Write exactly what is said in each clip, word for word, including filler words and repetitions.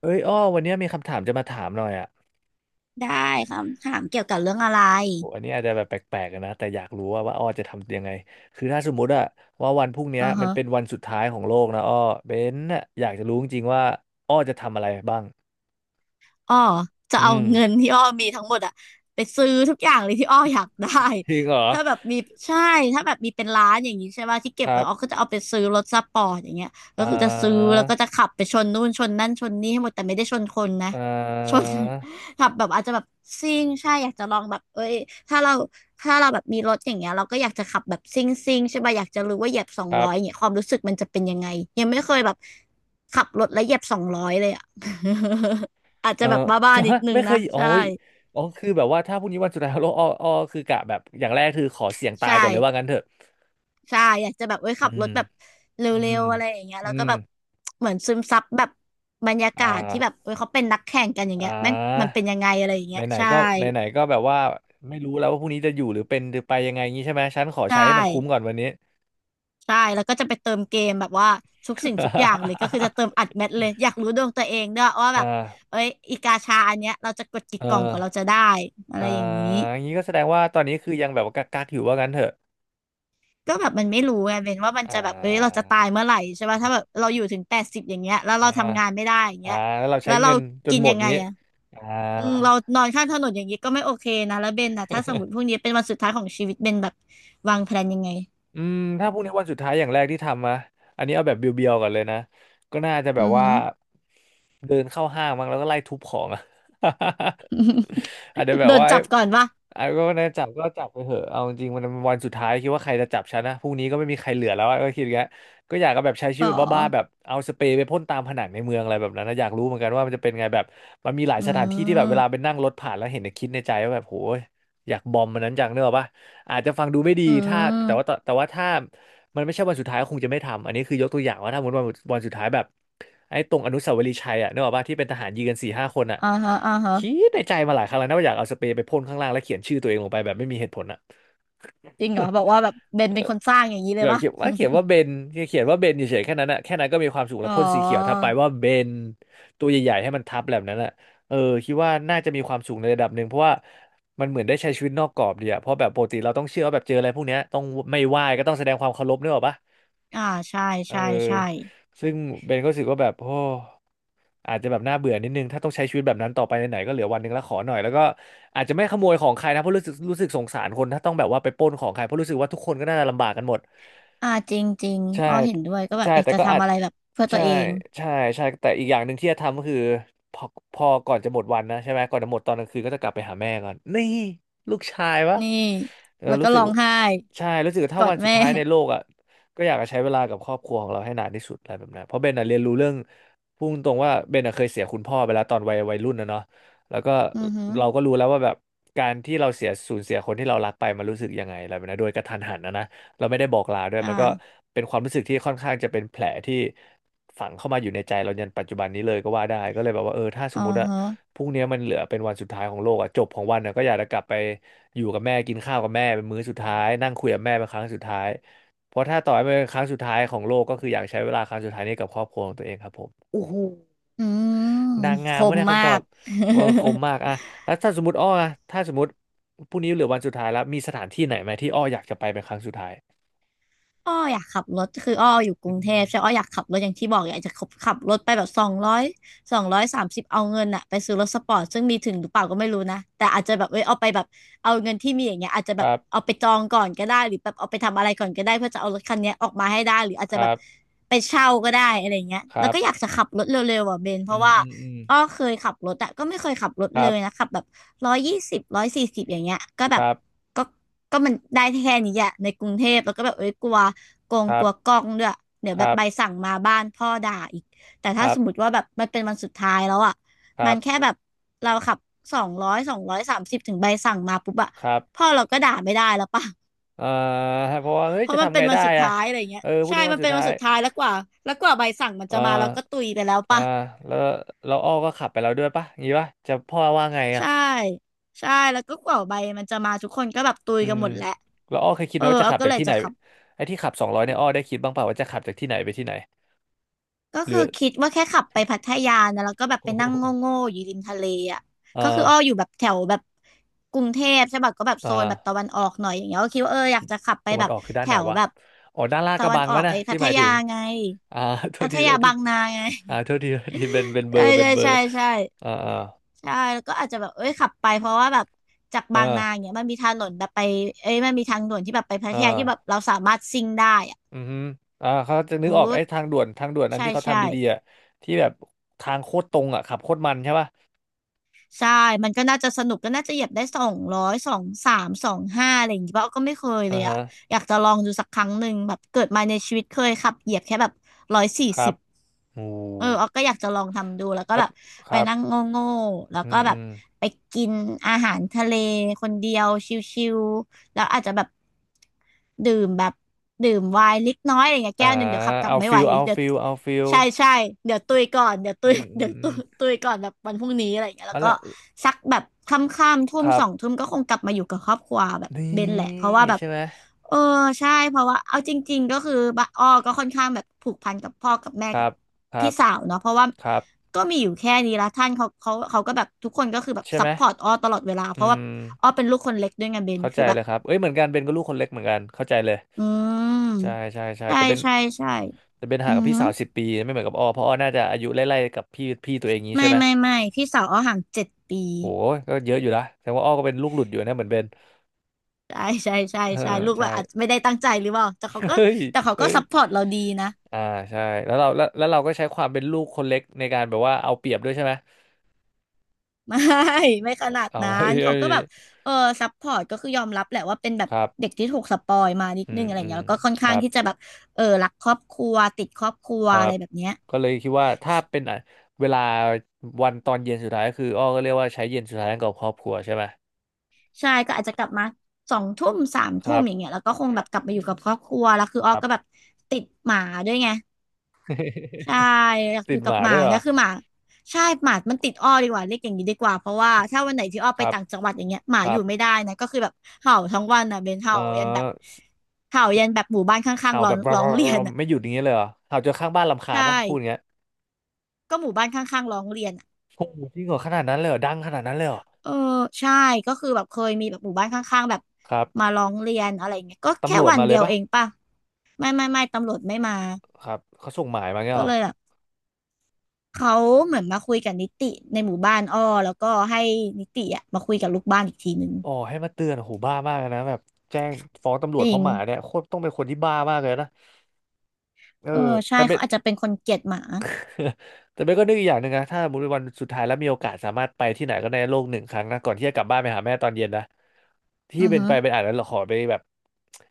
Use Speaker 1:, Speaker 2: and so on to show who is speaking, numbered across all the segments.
Speaker 1: เอ้ยอ้อวันเนี้ยมีคำถามจะมาถามหน่อยอ่ะ
Speaker 2: ได้คำถามเกี่ยวกับเรื่องอะไร
Speaker 1: โหอันนี้อาจจะแบบแปลกๆอะนะแต่อยากรู้ว่าว่าอ้อจะทำยังไงคือถ้าสมมุติอะว่าวันพรุ่งเนี้
Speaker 2: อื
Speaker 1: ย
Speaker 2: อ
Speaker 1: มัน
Speaker 2: ฮะ
Speaker 1: เป็นวันสุดท้ายของโลกนะอ้อเบนน่ะอยากจะรู้จริงๆว่าอ้อจะทำอะไรบ้าง
Speaker 2: อ้อจะ
Speaker 1: อื
Speaker 2: เอา
Speaker 1: ม
Speaker 2: เงินที่อ้อมีทั้งหมดอะไปซื้อทุกอย่างเลยที่อ้ออยากได้
Speaker 1: จริงเหรอ
Speaker 2: ถ้าแบบมีใช่ถ้าแบบมีเป็นร้านอย่างนี้ใช่ป่ะที่เก็
Speaker 1: ค
Speaker 2: บ
Speaker 1: รั
Speaker 2: ไว้อ้อก็
Speaker 1: บ
Speaker 2: จะเอาไปซื้อรถสปอร์ตอย่างเงี้ย
Speaker 1: อ่
Speaker 2: ก็คือจะซื้อ
Speaker 1: า
Speaker 2: แล้วก็จะขับไปชนนู่นชนนั่นชนนี่ให้หมดแต่ไม่ได้ชนคนนะ
Speaker 1: อ่
Speaker 2: ชน
Speaker 1: า
Speaker 2: ขับแบบอาจจะแบบซิ่งใช่อยากจะลองแบบเอ้ยถ้าเราถ้าเราแบบมีรถอย่างเงี้ยเราก็อยากจะขับแบบซิ่งซิ่งใช่ป่ะอยากจะรู้ว่าเหยียบสอง
Speaker 1: ครั
Speaker 2: ร้อยอย่าง
Speaker 1: บ
Speaker 2: เงี้ยความรู้สึกมันจะเป็นยังไงยังไม่เคยแบบขับรถแล้วเหยียบสองร้อยเลยอะ อาจ
Speaker 1: เอ
Speaker 2: จะ
Speaker 1: อ
Speaker 2: แบบบ้า
Speaker 1: จะ
Speaker 2: ๆนิ
Speaker 1: ฮะ
Speaker 2: ดนึง
Speaker 1: ไม่เค
Speaker 2: นะ
Speaker 1: ยโอ้
Speaker 2: ใช่
Speaker 1: ยอ๋อคือแบบว่าถ้าพรุ่งนี้วันสุดท้ายของโลกอ้ออ้อคือกะแบบอย่างแรกคือขอเสี่ยงตาย
Speaker 2: ใช่
Speaker 1: ก่อนเลยว่างั้นเถอะ
Speaker 2: ใช่อยากจะแบบเว้ย
Speaker 1: อื
Speaker 2: ขับร
Speaker 1: ม
Speaker 2: ถแบบเร
Speaker 1: อื
Speaker 2: ็
Speaker 1: ม
Speaker 2: วๆอะไรอย่างเงี้ย
Speaker 1: อื
Speaker 2: แล้วก็
Speaker 1: ม
Speaker 2: แบบเหมือนซึมซับแบบบรรยา
Speaker 1: อ่า
Speaker 2: กาศที่แบบเว้ยเขาเป็นนักแข่งกันอย่าง
Speaker 1: อ่า
Speaker 2: เงี้ยแม่งมันเป็นยังไงอะไรอย่างเงี้ย
Speaker 1: ไหน
Speaker 2: ใช่
Speaker 1: ๆก็ไหนๆก็แบบว่าไม่รู้แล้วว่าพรุ่งนี้จะอยู่หรือเป็นหรือไปยังไงงี้ใช่ไหมฉันขอ
Speaker 2: ใช่
Speaker 1: ใช้ให้มันคุ้มก่อนวันนี้
Speaker 2: ใช่แล้วก็จะไปเติมเกมแบบว่าทุกสิ่งทุกอย่างเลยก็คือจะเติมอัด แมทเลยอยากรู้ดวงตัวเองด้วยว่า
Speaker 1: อ่
Speaker 2: แบบ
Speaker 1: า
Speaker 2: เอ้ยอีกาชาอันเนี้ยเราจะกดกี่
Speaker 1: เออ
Speaker 2: กล่องกว่าเราจะได้อะไร
Speaker 1: อ่า
Speaker 2: อย่างนี้
Speaker 1: อย่างนี้ก็แสดงว่าตอนนี้คือยังแบบว่ากักๆอยู่ว่างั้นเถอะ
Speaker 2: ก็แบบมันไม่รู้ไงเป็นว่ามัน
Speaker 1: อ่
Speaker 2: จะแบบเอ้ยเรา
Speaker 1: า
Speaker 2: จะตายเมื่อไหร่ใช่ป่ะถ้าแบบเราอยู่ถึงแปดสิบอย่างเงี้ยแล้วเรา
Speaker 1: อ่า
Speaker 2: ทำงานไม่ได้อย่าง
Speaker 1: อ่า
Speaker 2: เงี้ย
Speaker 1: แล้วเราใช้
Speaker 2: แล้วเรา
Speaker 1: เงินจน
Speaker 2: กิน
Speaker 1: หม
Speaker 2: ยั
Speaker 1: ด
Speaker 2: งไง
Speaker 1: งี้
Speaker 2: อ่ะ
Speaker 1: อ่า
Speaker 2: อืมเรานอนข้างถนนอย่างนี้ก็ไม่โอเคนะแล้วเบนนะถ้าสมมติพวกนี้เป็นวันสุดท้ายของชีวิตเบนแบบวางแผนยังไง
Speaker 1: อืมถ้าพรุ่งนี้วันสุดท้ายอย่างแรกที่ทำนะอันนี้เอาแบบเบียวๆก่อนเลยนะก็น่าจะแบบ
Speaker 2: อือ
Speaker 1: ว่า
Speaker 2: ฮึ
Speaker 1: เดินเข้าห้างมั้งแล้วก็ไล่ทุบของอะ อาจจะแบ
Speaker 2: โด
Speaker 1: บ
Speaker 2: น
Speaker 1: ว่า
Speaker 2: จับก่อนป่ะ
Speaker 1: ไอ้ก็นะจับก็จับไปเถอะเอาจริงๆมันเป็นวันสุดท้ายคิดว่าใครจะจับฉันนะพรุ่งนี้ก็ไม่มีใครเหลือแล้วอะก็คิดอย่างเงี้ยก็อยากก็แบบใช้ชีวิ
Speaker 2: ป๋
Speaker 1: ต
Speaker 2: อ
Speaker 1: แบบบ้าๆแบบเอาสเปรย์ไปพ่นตามผนังในเมืองอะไรแบบนั้นนะอยากรู้เหมือนกันว่ามันจะเป็นไงแบบมันมีหลาย
Speaker 2: อื
Speaker 1: สถานที่ที่แบบเวลาไป
Speaker 2: ม
Speaker 1: นั่งรถผ่านแล้วเห็นนะคิดในใจว่าแบบโหยอยากบอมมันนั้นจังเนกอะปะ อาจจะฟังดูไม่ดี
Speaker 2: อื
Speaker 1: ถ้าแต่ว่า
Speaker 2: ม
Speaker 1: แต่ว่าถ้ามันไม่ใช่วันสุดท้ายก็คงจะไม่ทำอันนี้คือยกตัวอย่างว่าถ้าสมมติวันวันสุดท้ายแบบไอ้ตรงอนุสาวรีย์ชัยอ่ะนึกออกป่ะที่เป็นทหารยืงกันสี่ห้าคนอ่ะ
Speaker 2: อ่าฮะอ่าฮะ
Speaker 1: คิดในใจมาหลายครั้งแล้วนะว่าอยากเอาสเปรย์ไปพ่นข้างล่างแล้วเขียนชื่อตัวเองลงไปแบบไม่มีเหตุผลอ่ะ
Speaker 2: จริงเหรอบอกว่าแบบเบ นเป็นคนสร้างอย่างนี้เลย
Speaker 1: แบบ
Speaker 2: ป่ะ
Speaker 1: เขียนว่าเขียนว่าเบนเขียนว่าเบนเฉยๆแค่นั้นอะแค่นั้นก็มีความสุขแล้
Speaker 2: อ๋
Speaker 1: ว
Speaker 2: อ
Speaker 1: พ่นสีเขียวทับไปว่าเบนตัวใหญ่ๆให้มันทับแบบนั้นอะเออคิดว่าน่าจะมีความสุขในระดับหนึ่งเพราะว่ามันเหมือนได้ใช้ชีวิตนอกกรอบดีอะเพราะแบบปกติเราต้องเชื่อว่าแบบเจออะไรพวกเนี้ยต้องไม่ไหว้ก็ต้องแสดงความเคารพนึกออกปะ
Speaker 2: อ่าใช่
Speaker 1: เออ
Speaker 2: ใช่ใช่
Speaker 1: ซึ่งเบนก็รู้สึกว่าแบบโอ้อาจจะแบบน่าเบื่อนิดนึงถ้าต้องใช้ชีวิตแบบนั้นต่อไปไหนๆก็เหลือวันหนึ่งแล้วขอหน่อยแล้วก็อาจจะไม่ขโมยของใครนะเพราะรู้สึกรู้สึกสงสารคนถ้าต้องแบบว่าไปปล้นของใครเพราะรู้สึกว่าทุกคนก็น่าจะลำบากกันหมด
Speaker 2: อ่าจริงจริง
Speaker 1: ใช่
Speaker 2: อ้อเห็นด้วยก็แบ
Speaker 1: ใช่
Speaker 2: บอยาก
Speaker 1: แต่
Speaker 2: จะ
Speaker 1: ก็อา
Speaker 2: ทำ
Speaker 1: จ
Speaker 2: อะไรแบบเพื่อตั
Speaker 1: ใช่
Speaker 2: วเอง
Speaker 1: ใช่ใช่แต่อีกอย่างหนึ่งที่จะทำก็คือพอพอก่อนจะหมดวันนะใช่ไหมก่อนจะหมดตอนกลางคืนก็จะกลับไปหาแม่ก่อนนี่ลูกชายวะ
Speaker 2: นี่
Speaker 1: เออ
Speaker 2: แล้วก็
Speaker 1: รู้สึก
Speaker 2: ร้องไห้
Speaker 1: ใช่รู้สึกว่า
Speaker 2: ก
Speaker 1: ถ้า
Speaker 2: อ
Speaker 1: วั
Speaker 2: ด
Speaker 1: นสุด
Speaker 2: แม่
Speaker 1: ท้ายในโลกอ่ะก็อยากจะใช้เวลากับครอบครัวของเราให้นานที่สุดอะไรแบบนั้นเพราะเบนอะเรียนรู้เรื่องพูดตรงว่าเบนอะเคยเสียคุณพ่อไปแล้วตอนวัยวัยรุ่นนะเนาะแล้วก็
Speaker 2: อือฮึ
Speaker 1: เราก็รู้แล้วว่าแบบการที่เราเสียสูญเสียคนที่เรารักไปมันรู้สึกยังไงอะไรแบบนั้นโดยกระทันหันนะนะ เราไม่ได้บอกลาด้วย
Speaker 2: อ
Speaker 1: มันก็
Speaker 2: ่า
Speaker 1: เป็นความรู้สึกที่ค่อนข้างจะเป็นแผลที่ฝังเข้ามาอยู่ในใจเรายันปัจจุบันนี้เลยก็ว่าได้ก็เลยแบบว่าเออถ้าส
Speaker 2: อ๋อ
Speaker 1: มมติอะ
Speaker 2: ฮะ
Speaker 1: พรุ่งนี้มันเหลือเป็นวันสุดท้ายของโลกอะจบของวันอะก็อยากจะกลับไปอยู่กับแม่กินข้าวกับแม่เป็นมื้อสุดท้ายนั่งคุยกับแม่เป็นครั้งสุดท้ายเพราะถ้าต่อให้เป็นครั้งสุดท้ายของโลกก็คืออยากใช้เวลาครั้งสุดท้ายนี้กับครอบครัวของตัวเองครับผมโอ้โห
Speaker 2: อืม
Speaker 1: นางงา
Speaker 2: ค
Speaker 1: มวะ
Speaker 2: ม
Speaker 1: เนี่ย
Speaker 2: มา
Speaker 1: คำตอบ
Speaker 2: ก
Speaker 1: คค มมากอะแล้วถ้าสมมติอ้ออะถ้าสมมติพรุ่งนี้เหลือวันสุดท้ายแล้วมีสถานที่ไหนไหมที่อ้ออยากจะไปเป็นครั้งสุดท้าย
Speaker 2: อ้ออยากขับรถคืออ้ออยู่ก
Speaker 1: อื
Speaker 2: รุงเท
Speaker 1: ม
Speaker 2: พใช่อ้ออยากขับรถอย่างที่บอกอยากจะขับขับรถไปแบบสองร้อยสองร้อยสามสิบเอาเงินอะไปซื้อรถสปอร์ตซึ่งมีถึงหรือเปล่าก็ไม่รู้นะแต่อาจจะแบบเอ้ยเอาไปแบบเอาเงินที่มีอย่างเงี้ยอาจจะ
Speaker 1: ค
Speaker 2: แบบ
Speaker 1: รั
Speaker 2: เอา
Speaker 1: บ
Speaker 2: ไปจองก่อนก็ได้หรือแบบเอาไปทำอะไรก่อนก็ได้เพื่อจะเอารถคันเนี้ยออกมาให้ได้หรืออาจ
Speaker 1: ค
Speaker 2: จะแบ
Speaker 1: รั
Speaker 2: บ
Speaker 1: บ
Speaker 2: ไปเช่าก็ได้อะไรเงี้ย
Speaker 1: ค
Speaker 2: แล้
Speaker 1: รั
Speaker 2: ว
Speaker 1: บ
Speaker 2: ก็อยากจะขับรถเร็วๆอ่ะเบนเพ
Speaker 1: อื
Speaker 2: ราะ
Speaker 1: ม
Speaker 2: ว่า
Speaker 1: อืมอืม
Speaker 2: อ้อเคยขับรถอะก็ไม่เคยขับรถ
Speaker 1: ค
Speaker 2: เล
Speaker 1: รั
Speaker 2: ยนะ
Speaker 1: บ
Speaker 2: ขับแบบร้อยยี่สิบร้อยสี่สิบอย่างเงี้ยก็
Speaker 1: ค
Speaker 2: แบบ
Speaker 1: รับ
Speaker 2: ก็ก็มันได้แค่นี้อะในกรุงเทพแล้วก็แบบเอ้ยกลัวโกง
Speaker 1: ครั
Speaker 2: ก
Speaker 1: บ
Speaker 2: ลัวกล้องด้วยเดี๋ยว
Speaker 1: ค
Speaker 2: แบบ
Speaker 1: รับ
Speaker 2: ใบสั่งมาบ้านพ่อด่าอีกแต่
Speaker 1: ค
Speaker 2: ถ้า
Speaker 1: รั
Speaker 2: ส
Speaker 1: บ
Speaker 2: มมติว่าแบบมันเป็นวันสุดท้ายแล้วอะ
Speaker 1: ค
Speaker 2: มั
Speaker 1: รั
Speaker 2: นแค่
Speaker 1: บ
Speaker 2: แบบเราขับสองร้อยสองร้อยสามสิบถึงใบสั่งมาปุ๊บอะ
Speaker 1: ครับ
Speaker 2: พ่อเราก็ด่าไม่ได้แล้วป่ะ
Speaker 1: เอ่อเพราะว่า เฮ้ย
Speaker 2: เพ
Speaker 1: จะ
Speaker 2: ราะมัน
Speaker 1: ทำ
Speaker 2: เป็
Speaker 1: ไง
Speaker 2: นวัน
Speaker 1: ได้
Speaker 2: สุด
Speaker 1: อะ
Speaker 2: ท้ายอะไรเงี้
Speaker 1: เอ
Speaker 2: ย
Speaker 1: อพรุ่ง
Speaker 2: ใช่
Speaker 1: นี้วั
Speaker 2: มั
Speaker 1: น
Speaker 2: น
Speaker 1: สุด
Speaker 2: เป็นวั
Speaker 1: ท้า
Speaker 2: น
Speaker 1: ย
Speaker 2: สุดท้ายแล้วกว่าแล้วกว่าใบสั่งมัน
Speaker 1: เอ่อ
Speaker 2: จะมาเราก็ตุยไปแล้ว
Speaker 1: อ่า
Speaker 2: ป่ะ
Speaker 1: แล้วแล้วอ้อก็ขับไปแล้วด้วยปะอย่างงี้ปะจะพ่อว่าไงอะ
Speaker 2: ใช่ใช่แล้วก็กว่าใบมันจะมาทุกคนก็แบบตุย
Speaker 1: อื
Speaker 2: กัน
Speaker 1: ม
Speaker 2: หมดแหละ
Speaker 1: แล้วอ้อเคยคิด
Speaker 2: เอ
Speaker 1: ไหม
Speaker 2: อ
Speaker 1: ว่าจะ
Speaker 2: เอา
Speaker 1: ขับ
Speaker 2: ก็
Speaker 1: จาก
Speaker 2: เลย
Speaker 1: ที่ไห
Speaker 2: จะ
Speaker 1: น
Speaker 2: ขับ
Speaker 1: ไอ้ที่ขับสองร้อยเนี่ยอ้อได้คิดบ้างเปล่าว่าจะขับจากที่ไหนไปที่ไหน
Speaker 2: ก็
Speaker 1: หรื
Speaker 2: คือ
Speaker 1: อ
Speaker 2: คิดว่าแค่ขับไปพัทยานะแล้วก็แบบไป
Speaker 1: โอ้โห
Speaker 2: นั่งโง่ๆอยู่ริมทะเลอ่ะ
Speaker 1: เอ่
Speaker 2: ก็คื
Speaker 1: อ
Speaker 2: ออ้ออยู่แบบแถวแบบกรุงเทพใช่ปะก็แบบ
Speaker 1: เอ่
Speaker 2: โซ
Speaker 1: อ
Speaker 2: นแบบตะวันออกหน่อยอย่างเงี้ยก็คิดว่าเอออยากจะขับไป
Speaker 1: ตะวั
Speaker 2: แบ
Speaker 1: น
Speaker 2: บ
Speaker 1: ออกคือด้าน
Speaker 2: แถ
Speaker 1: ไหน
Speaker 2: ว
Speaker 1: วะ
Speaker 2: แบบ
Speaker 1: อ๋อด้านลาดก
Speaker 2: ตะ
Speaker 1: ระ
Speaker 2: วั
Speaker 1: บั
Speaker 2: น
Speaker 1: ง
Speaker 2: ออ
Speaker 1: วะ
Speaker 2: ก
Speaker 1: นะ
Speaker 2: ไอ้พั
Speaker 1: ที่
Speaker 2: ท
Speaker 1: หมายถึ
Speaker 2: ยา
Speaker 1: ง
Speaker 2: ไง
Speaker 1: อ่า โท
Speaker 2: พั
Speaker 1: ษ
Speaker 2: ท
Speaker 1: ทีโท
Speaker 2: ยา
Speaker 1: ษที
Speaker 2: บางนาไง
Speaker 1: อ่าโทษทีโทษทีเป็นเป็นเบอ
Speaker 2: ใช่
Speaker 1: ร์เป็
Speaker 2: ใช่
Speaker 1: นเบอ
Speaker 2: ใช่
Speaker 1: ร์
Speaker 2: ใช่
Speaker 1: อ่าอ่า
Speaker 2: ใช่แล้วก็อาจจะแบบเอ้ยขับไปเพราะว่าแบบจาก
Speaker 1: อ
Speaker 2: บางนาอย่าง
Speaker 1: ่า
Speaker 2: เงี้ยมันมีถนนแบบไปเอ้ยมันมีทางด่วนที่แบบไปพั
Speaker 1: อ
Speaker 2: ทยาที่แบบ
Speaker 1: ่า
Speaker 2: เราสามารถซิ่งได้อะ
Speaker 1: อือฮึอ่าเขาจะนึ
Speaker 2: ฟู
Speaker 1: กออกไอ้
Speaker 2: ด
Speaker 1: ทางด่วนทางด่วนอัน
Speaker 2: ใช่
Speaker 1: ที่เขา
Speaker 2: ใช่
Speaker 1: ทำดีๆอ่ะที่แบบทางโคตรตรงอ่ะขับโคตรมันใช่ป่ะ
Speaker 2: ใช่มันก็น่าจะสนุกก็น่าจะเหยียบได้สองร้อยสองสามสองห้าอะไรอย่างงี้ป่ะก็ไม่เคย
Speaker 1: อ่า
Speaker 2: เลย
Speaker 1: ฮะ
Speaker 2: อะอยากจะลองดูสักครั้งหนึ่งแบบเกิดมาในชีวิตเคยขับเหยียบแค่แบบร้อยสี่
Speaker 1: ครั
Speaker 2: สิ
Speaker 1: บ
Speaker 2: บ
Speaker 1: โอ้
Speaker 2: เออออกก็อยากจะลองทำดูแล้วก็
Speaker 1: แล้ว
Speaker 2: แบบ
Speaker 1: ค
Speaker 2: ไป
Speaker 1: รับ
Speaker 2: นั่งโง่โง่แล้ว
Speaker 1: อื
Speaker 2: ก็
Speaker 1: ม
Speaker 2: แบ
Speaker 1: อื
Speaker 2: บ
Speaker 1: ม
Speaker 2: ไปกินอาหารทะเลคนเดียวชิวๆแล้วอาจจะแบบดื่มแบบดื่มไวน์เล็กน้อยอะไรเงี้ยแก้
Speaker 1: อ่า
Speaker 2: วหนึ่งเดี๋ยวขับกลับ
Speaker 1: เอา
Speaker 2: ไม่ไห
Speaker 1: ฟิ
Speaker 2: ว
Speaker 1: ลเอา
Speaker 2: เดี๋ยว
Speaker 1: ฟิลเอาฟิล
Speaker 2: ใช่ใช่เดี๋ยวตุยก่อนเดี๋ยวตุ
Speaker 1: อื
Speaker 2: ย
Speaker 1: มอื
Speaker 2: เดี๋ย
Speaker 1: ม
Speaker 2: ว
Speaker 1: อื
Speaker 2: ตุ
Speaker 1: ม
Speaker 2: ยตุยก่อนแบบวันพรุ่งนี้อะไรเงี้ย
Speaker 1: อ๋อ
Speaker 2: แล้วก็
Speaker 1: และ
Speaker 2: สักแบบค่ำๆทุ่
Speaker 1: ค
Speaker 2: ม
Speaker 1: รั
Speaker 2: ส
Speaker 1: บ
Speaker 2: องทุ่มก็คงกลับมาอยู่กับครอบครัวแบบ
Speaker 1: นี่
Speaker 2: เบนแหละเพราะว่าแบบ
Speaker 1: ใช่ไหม
Speaker 2: เออใช่เพราะว่าเอาจริงๆก็คือบะอ้อก็ค่อนข้างแบบผูกพันกับพ่อกับแม่
Speaker 1: ค
Speaker 2: กั
Speaker 1: รั
Speaker 2: บ
Speaker 1: บครั
Speaker 2: พี่
Speaker 1: บ
Speaker 2: สาวเนาะเพราะว่า
Speaker 1: ครับ
Speaker 2: ก็มีอยู่แค่นี้ละท่านเขาเขาเขาก็แบบทุกคนก็คือแบบ
Speaker 1: ใช่
Speaker 2: ซั
Speaker 1: ไหม
Speaker 2: พพอร์ตอ้อตลอดเวลาเพ
Speaker 1: อื
Speaker 2: ราะว่า
Speaker 1: ม
Speaker 2: อ้อเป็นลูกคนเล็กด้วยไงเบน
Speaker 1: เข้าใจ
Speaker 2: คือแบ
Speaker 1: เล
Speaker 2: บ
Speaker 1: ยครับเอ้ยเหมือนกันเบนก็ลูกคนเล็กเหมือนกันเข้าใจเลย
Speaker 2: อืม
Speaker 1: ใช่ใช่ใช่
Speaker 2: ใช่
Speaker 1: แต่เบน
Speaker 2: ใช่ใช่
Speaker 1: แต่เบน
Speaker 2: อื
Speaker 1: ห่างกั
Speaker 2: อ
Speaker 1: บพี่
Speaker 2: หือ
Speaker 1: สาวสิบปีไม่เหมือนกับอ้อเพราะอ้อน่าจะอายุไล่ๆกับพี่พี่ตัวเองงี้ใช่
Speaker 2: ไม่
Speaker 1: ไหม
Speaker 2: ไม่ไม่พี่สาวอ้อห่างเจ็ดปี
Speaker 1: โหก็เยอะอยู่ละแต่ว่าอ้อก็เป็นลูกหลุดอยู่นะเหมือนเบน
Speaker 2: ใช่ใช่ใช่
Speaker 1: เออ
Speaker 2: ใช่ลูกแบ
Speaker 1: ใช่
Speaker 2: บอาจจะไม่ได้ตั้งใจหรือเปล่าแต่ เขาก็
Speaker 1: เฮ้ย
Speaker 2: แต่เขา
Speaker 1: เฮ้
Speaker 2: ก็
Speaker 1: ย
Speaker 2: ซัพพอร์ตเราดีนะ
Speaker 1: อ่าใช่แล้วเราแล้วแล้วเราก็ใช้ความเป็นลูกคนเล็กในการแบบว่าเอาเปรียบด้วยใช่ไหม
Speaker 2: ไม่ ไม่ขนาด
Speaker 1: เอา
Speaker 2: นั้
Speaker 1: เ
Speaker 2: น
Speaker 1: อ้
Speaker 2: เขา
Speaker 1: ย
Speaker 2: ก็แบบเออซัพพอร์ตก็คือยอมรับแหละว่าเป็นแบบ
Speaker 1: ครับ
Speaker 2: เด็กที่ถูกสปอยมานิด
Speaker 1: อื
Speaker 2: นึง
Speaker 1: ม
Speaker 2: อะไรอ
Speaker 1: อื
Speaker 2: ย่าง
Speaker 1: ม
Speaker 2: เงี้ยแล้วก็ค่อน
Speaker 1: ค
Speaker 2: ข้า
Speaker 1: รั
Speaker 2: ง
Speaker 1: บ
Speaker 2: ที่จะแบบเออรักครอบครัวติดครอบครัว
Speaker 1: ครั
Speaker 2: อะไร
Speaker 1: บ
Speaker 2: แบบเนี้ย
Speaker 1: ก็เลยคิดว่าถ้า
Speaker 2: ใช
Speaker 1: เป็นอ่ะเวลาวันตอนเย็นสุดท้ายก็คืออ้อก็เรียกว่าใช้เย็นสุดท้ายกับครอบครัวใช่ไหม
Speaker 2: ใช่ก็อาจจะกลับมาสองทุ่มสาม
Speaker 1: ค
Speaker 2: ทุ่
Speaker 1: รั
Speaker 2: ม
Speaker 1: บ
Speaker 2: อย่างเงี้ยแล้วก็คง
Speaker 1: ค
Speaker 2: แบ
Speaker 1: รั
Speaker 2: บ
Speaker 1: บ
Speaker 2: กลับมาอยู่กับครอบครัวแล้วคืออ้
Speaker 1: ค
Speaker 2: อ
Speaker 1: รับ
Speaker 2: ก็แบบติดหมาด้วยไง ใช่ อยากอ
Speaker 1: ติด
Speaker 2: ยู่
Speaker 1: ห
Speaker 2: กับ
Speaker 1: มา
Speaker 2: หมา
Speaker 1: ด้วยเหร
Speaker 2: ก็
Speaker 1: อ
Speaker 2: คือหมาใช่หมามันติดอ้อดีกว่าเรียกอย่างนี้ดีกว่าเพราะว่าถ้าวันไหนที่อ้อ
Speaker 1: ค
Speaker 2: ไป
Speaker 1: รับ
Speaker 2: ต่างจังหวัดอย่างเงี้ยหมา
Speaker 1: ค
Speaker 2: อ
Speaker 1: รั
Speaker 2: ยู่
Speaker 1: บ
Speaker 2: ไม่ได้นะก็คือแบบเห่าทั้งวันอ่ะเบน
Speaker 1: เอ
Speaker 2: เห่า
Speaker 1: อ
Speaker 2: ยันแบบเห่ายันแบบหมู่บ้านข้าง
Speaker 1: เห่า
Speaker 2: ๆร้อ
Speaker 1: แบ
Speaker 2: ง
Speaker 1: บ
Speaker 2: ร้องเรียน อ่ะ
Speaker 1: ไม่หยุดอย่างเงี้ยเลยเหรอเห่าจนข้างบ้านรำคาญ
Speaker 2: ใช่
Speaker 1: ปะพูดอย่างเงี้ย
Speaker 2: ก็หมู่บ้านข้างๆร้องเรียนอะ
Speaker 1: โอ้โหจริงเหรอขนาดนั้นเลยเหรอดังขนาดนั้นเลยเหรอ
Speaker 2: เออใช่ก็คือแบบเคยมีแบบหมู่บ้านข้างๆแบบ
Speaker 1: ครั
Speaker 2: มา
Speaker 1: บ
Speaker 2: ร้องเรียนอะไรเงี้ยก็แค่
Speaker 1: ตำรวจ
Speaker 2: วัน
Speaker 1: มาเล
Speaker 2: เดี
Speaker 1: ย
Speaker 2: ยว
Speaker 1: ปะ
Speaker 2: เองป่ะไม่ไม่ไม่ตำรวจไม่มา
Speaker 1: ครับเขาส่งหมายมาเงี้ย
Speaker 2: ก็
Speaker 1: เหรอ
Speaker 2: เลยแบบเขาเหมือนมาคุยกับนิติในหมู่บ้านอ้อแล้วก็ให้นิติอะมาคุยกับลูกบ้านอีกทีหนึง
Speaker 1: อ๋อให้มาเตือนโ้หบ้ามากเลยนะแบบแจ้งฟ้องตำร
Speaker 2: จ
Speaker 1: วจเพ
Speaker 2: ริง
Speaker 1: ราะหมาเนี่ยโคตรต้องเป็นคนที่บ้ามากเลยนะเอ
Speaker 2: เออ
Speaker 1: อ
Speaker 2: ใช่
Speaker 1: แต่เป็
Speaker 2: เขา
Speaker 1: น
Speaker 2: อาจจะเป็นคนเกลียดหมา
Speaker 1: แต่เบนก็นึกอีกอย่างหนึ่งนะถ้าสมมติวันสุดท้ายแล้วมีโอกาสสามารถไปที่ไหนก็ในโลกหนึ่งครั้งนะก่อนที่จะกลับบ้านไปหาแม่ตอนเย็นนะที่
Speaker 2: อือ
Speaker 1: เป็น
Speaker 2: ฮึ
Speaker 1: ไปเป็นอาจจะขอไปแบบ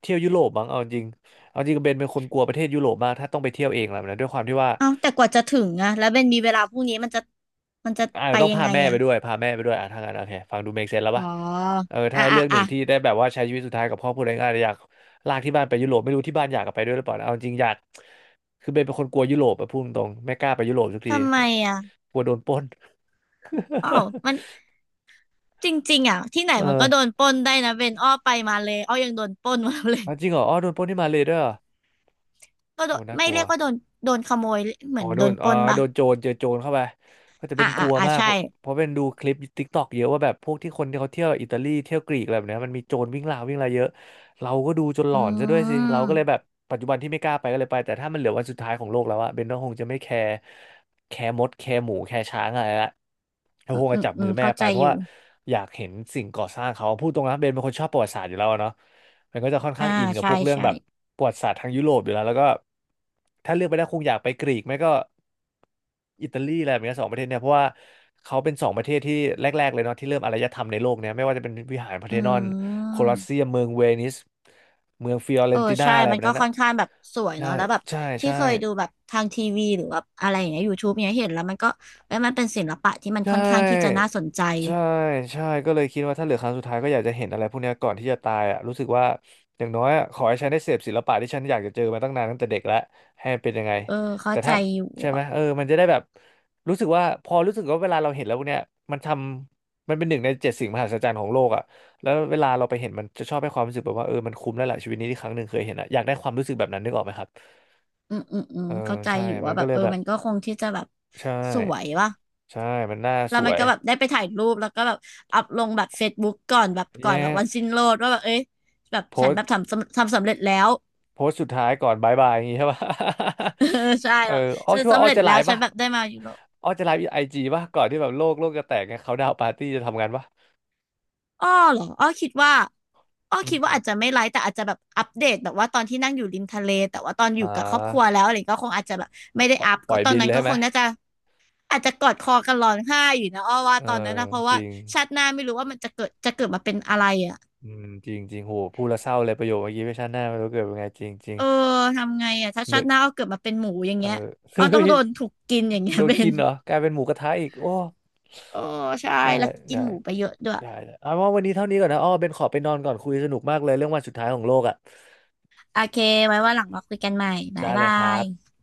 Speaker 1: เที่ยวยุโรปบ้างเอาจริงเอาจริงเบนเป็นคนกลัวประเทศยุโรปมากถ้าต้องไปเที่ยวเองแหละนะด้วยความที่ว่า
Speaker 2: เอ้าแต่กว่าจะถึงอะแล้วเบนมีเวลาพรุ่งนี้มันจะมันจะ
Speaker 1: อาจ
Speaker 2: ไป
Speaker 1: จะต้อง
Speaker 2: ยัง
Speaker 1: พา
Speaker 2: ไง
Speaker 1: แม่ไป
Speaker 2: อะ
Speaker 1: ด้วยพาแม่ไปด้วยอ่ะทางนั้นโอเคฟังดูเมคเซนแล้ว
Speaker 2: อ๋อ
Speaker 1: ปะเออถ้า
Speaker 2: อ่ะ
Speaker 1: ให้
Speaker 2: อ่ะ
Speaker 1: เลือกห
Speaker 2: อ่ะ
Speaker 1: นึ่งที่ได้แบบว่าใช้ชีวิตสุดท้ายกับครอบครัวเองอาจจะอยากลากที่บ้านไปยุโรปไม่รู้ที่บ้านอยากกลับไปด้วยหรือเปล่านะเอาจริงอยากคือเบนเป็นคนกลัวยุโรปอะพูดตรงๆไม่กล้าไปยุโรปสักที
Speaker 2: ทำไม
Speaker 1: ก
Speaker 2: อะ
Speaker 1: ลัวโดนปล้น
Speaker 2: อ้าวมัน จริงๆอะที่ไหน
Speaker 1: เอ
Speaker 2: มัน
Speaker 1: อ
Speaker 2: ก็โดนปล้นได้นะเบนอ้อไปมาเลยอ้อยังโดนปล้นมาเลย
Speaker 1: อ๋อจริงเหรออ๋อโดนปล้นที่มาเลยด้วยเหรอ
Speaker 2: ก็โด
Speaker 1: โอ้
Speaker 2: น
Speaker 1: น่า
Speaker 2: ไม่
Speaker 1: กลัว
Speaker 2: เรียกว่าโดนโดนขโมยเห
Speaker 1: อ๋
Speaker 2: มื
Speaker 1: อ
Speaker 2: อน
Speaker 1: โด
Speaker 2: โด
Speaker 1: น
Speaker 2: นป
Speaker 1: อ๋อ
Speaker 2: ล้น
Speaker 1: โด
Speaker 2: ป่ะ
Speaker 1: นโจรเจอโจรเข้าไปก็จะเป็
Speaker 2: อ่ะ
Speaker 1: นก
Speaker 2: อ่ะ
Speaker 1: ลัว
Speaker 2: อ่ะ
Speaker 1: มากเพ
Speaker 2: ใช่
Speaker 1: ราะเพราะเป็นดูคลิปติ๊กตอกเยอะว่าแบบพวกที่คนที่เขาเที่ยวอิตาลีเที่ยวกรีกอะไรแบบเนี้ยมันมีโจรวิ่งราววิ่งอะไรเยอะเราก็ดูจนหล
Speaker 2: อื
Speaker 1: อนซะด้วยสิเราก็เลยแบ
Speaker 2: ม
Speaker 1: บปัจจุบันที่ไม่กล้าไปก็เลยไปแต่ถ้ามันเหลือวันสุดท้ายของโลกแล้วอะเบนก็คงจะไม่แคร์แคร์มดแคร์หมูแคร์ช้างอะไรละก็
Speaker 2: อื
Speaker 1: ค
Speaker 2: ม
Speaker 1: งจะ
Speaker 2: อืม
Speaker 1: จับ
Speaker 2: อื
Speaker 1: มือ
Speaker 2: ม
Speaker 1: แม่
Speaker 2: เข้า
Speaker 1: ไป
Speaker 2: ใจ
Speaker 1: เพ
Speaker 2: อ
Speaker 1: ราะ
Speaker 2: ยู่
Speaker 1: ว่าอยากเห็นสิ่งก่อสร้างเขาพูดตรงนะเบนเป็นคนชอบประวัติศาสตร์อยู่แล้วอะเนาะ มันก็จะค่อนข้า
Speaker 2: อ่า
Speaker 1: งอินกับพ
Speaker 2: ใช่
Speaker 1: วกเรื่อง
Speaker 2: ใช่
Speaker 1: แบบประวัติศาสตร์ทางยุโรปอยู่แล้วแล้วก็ถ้าเลือกไปได้คงอยากไปกรีกไม่ก็อิตาลีอะไรแบบเนี้ยสองประเทศเนี่ยเพราะว่าเขาเป็นสองประเทศที่แรกๆเลยเนาะที่เริ่มอารยธรรมในโลกเนี่ยไม่ว่าจะเป็นวิหารพาร์เธ
Speaker 2: อื
Speaker 1: นอนโคลอสเซีย
Speaker 2: ม
Speaker 1: มเมืองเวนิสเมืองฟิออเร
Speaker 2: เออ
Speaker 1: นตินา
Speaker 2: ใช่
Speaker 1: อะไรแบ
Speaker 2: มัน
Speaker 1: บ
Speaker 2: ก็
Speaker 1: นั้น
Speaker 2: ค่
Speaker 1: อ่ะ
Speaker 2: อนข้างแบบสวย
Speaker 1: ใช่
Speaker 2: เนาะแล้วแบบ
Speaker 1: ใช่
Speaker 2: ที่
Speaker 1: ใช่
Speaker 2: เคยดูแบบทางทีวีหรือว่าอะไรอย่างเงี้ยยูทูบเนี้ยเห็นแล้วมันก็เอ้ยมันเป็นศิลปะที่มัน
Speaker 1: ใช
Speaker 2: ค่อนข้างที่จะ
Speaker 1: ่
Speaker 2: น่าสนใจ
Speaker 1: ใช่ใช่ก็เลยคิดว่าถ้าเหลือครั้งสุดท้ายก็อยากจะเห็นอะไรพวกเนี้ยก่อนที่จะตายอ่ะรู้สึกว่าอย่างน้อยอะขอให้ฉันได้เสพศิลปะที่ฉันอยากจะเจอมาตั้งนานตั้งแต่เด็กแล้วให้มันเป็นยังไง
Speaker 2: เออเข้า
Speaker 1: แต่
Speaker 2: ใจ
Speaker 1: ถ้า
Speaker 2: อยู่
Speaker 1: ใช่ไหม
Speaker 2: อะ
Speaker 1: เออมันจะได้แบบรู้สึกว่าพอรู้สึกว่าเวลาเราเห็นแล้วพวกเนี้ยมันทำมันเป็นหนึ่งในเจ็ดสิ่งมหัศจรรย์ของโลกอ่ะแล้วเวลาเราไปเห็นมันจะชอบให้ความรู้สึกแบบว่าเออมันคุ้มแล้วแหละชีวิตนี้ที่ครั้งหนึ่งเคยเห็นอ่ะอยากได้ความรู้สึกแบบนั้นนึกออกไหมครับ
Speaker 2: อืมอืมอื
Speaker 1: เอ
Speaker 2: ม
Speaker 1: อ
Speaker 2: เข้าใจ
Speaker 1: ใช่
Speaker 2: อยู่
Speaker 1: มั
Speaker 2: ว่า
Speaker 1: น
Speaker 2: แบ
Speaker 1: ก็
Speaker 2: บ
Speaker 1: เลย
Speaker 2: เออ
Speaker 1: แบบ
Speaker 2: มันก็คงที่จะแบบ
Speaker 1: ใช่
Speaker 2: สวยว่ะ
Speaker 1: ใช่มันน่า
Speaker 2: แล้
Speaker 1: ส
Speaker 2: วมั
Speaker 1: ว
Speaker 2: น
Speaker 1: ย
Speaker 2: ก็แบบได้ไปถ่ายรูปแล้วก็แบบอัพลงแบบเฟซบุ๊กก่อนแบบก่อ
Speaker 1: เย้
Speaker 2: นแบบวันสิ้นโลกว่าแบบเอ้ยแบบ
Speaker 1: โพ
Speaker 2: ฉัน
Speaker 1: ส
Speaker 2: แบบทำสำทำสำเร็จแล้ว
Speaker 1: โพสต์สุดท้ายก่อนบายบายอย่างงี้ใช่ปะ
Speaker 2: เออใช่
Speaker 1: เออ
Speaker 2: แบบ
Speaker 1: อ้อ
Speaker 2: ฉัน
Speaker 1: คิดว่า
Speaker 2: สำ
Speaker 1: อ้อ
Speaker 2: เร็จ
Speaker 1: จะไล
Speaker 2: แล้ว
Speaker 1: ฟ์
Speaker 2: ฉัน
Speaker 1: ป่ะ
Speaker 2: แบบได้มายูโร
Speaker 1: อ้อจะไลฟ์ไอจีป่ะก่อนที่แบบโลกโลกจะแตกไงเขาดาวปาร์ตี้จะทำงานปะ
Speaker 2: อ้อเหรออ้อคิดว่าอ้อ
Speaker 1: อื
Speaker 2: คิดว่า
Speaker 1: ม
Speaker 2: อาจจะไม่ไลฟ์แต่อาจจะแบบอัปเดตแบบว่าตอนที่นั่งอยู่ริมทะเลแต่ว่าตอนอ
Speaker 1: อ่
Speaker 2: ยู่กับครอบครัว
Speaker 1: า
Speaker 2: แล้วอะไรก็คงอาจจะแบบไม่ได้
Speaker 1: ปล่อย
Speaker 2: อัพ
Speaker 1: ปล่
Speaker 2: ก็
Speaker 1: อย
Speaker 2: ตอน
Speaker 1: บิน
Speaker 2: นั้
Speaker 1: เล
Speaker 2: น
Speaker 1: ย
Speaker 2: ก็
Speaker 1: ใช่ไห
Speaker 2: ค
Speaker 1: ม
Speaker 2: งน่าจะอาจจะกอดคอกันร้องไห้อยู่นะอ้อว่า
Speaker 1: เออ
Speaker 2: ตอนนั้นนะเพราะ
Speaker 1: จ
Speaker 2: ว่า
Speaker 1: ริง
Speaker 2: ชาติหน้าไม่รู้ว่ามันจะเกิดจะเกิดมาเป็นอะไรอ่ะ
Speaker 1: อืมจริงจริงโหพูดแล้วเศร้าเลยประโยคเมื่อกี้ไม่ชาติหน้าไม่รู้เกิดเป็นไงจริงจริง
Speaker 2: เออทำไงอ่ะถ้าชา
Speaker 1: นึก
Speaker 2: ติหน้าอ้อเกิดมาเป็นหมูอย่าง
Speaker 1: เออ
Speaker 2: เงี้ย อ้
Speaker 1: เฮ้
Speaker 2: อต้อง
Speaker 1: ย
Speaker 2: โดนถูกกินอย่างเงี้ย
Speaker 1: โด น
Speaker 2: เป็
Speaker 1: กิ
Speaker 2: น
Speaker 1: นเหรอกลายเป็นหมูกระทะอีกโอ้
Speaker 2: โอ้ใช่
Speaker 1: ใช่
Speaker 2: แล้วกิน
Speaker 1: ใช่
Speaker 2: หมูไปเยอะด้วย
Speaker 1: ใช่เลยเอาว่าวันนี้เท่านี้ก่อนนะอ้อเบนขอไปนอนก่อนคุยสนุกมากเลยเรื่องวันสุดท้ายของโลกอ่ะ
Speaker 2: โอเคไว้ว่าหลังมาคุยกันใหม่บ๊า
Speaker 1: ได้
Speaker 2: ย
Speaker 1: เล
Speaker 2: บา
Speaker 1: ยครับ
Speaker 2: ย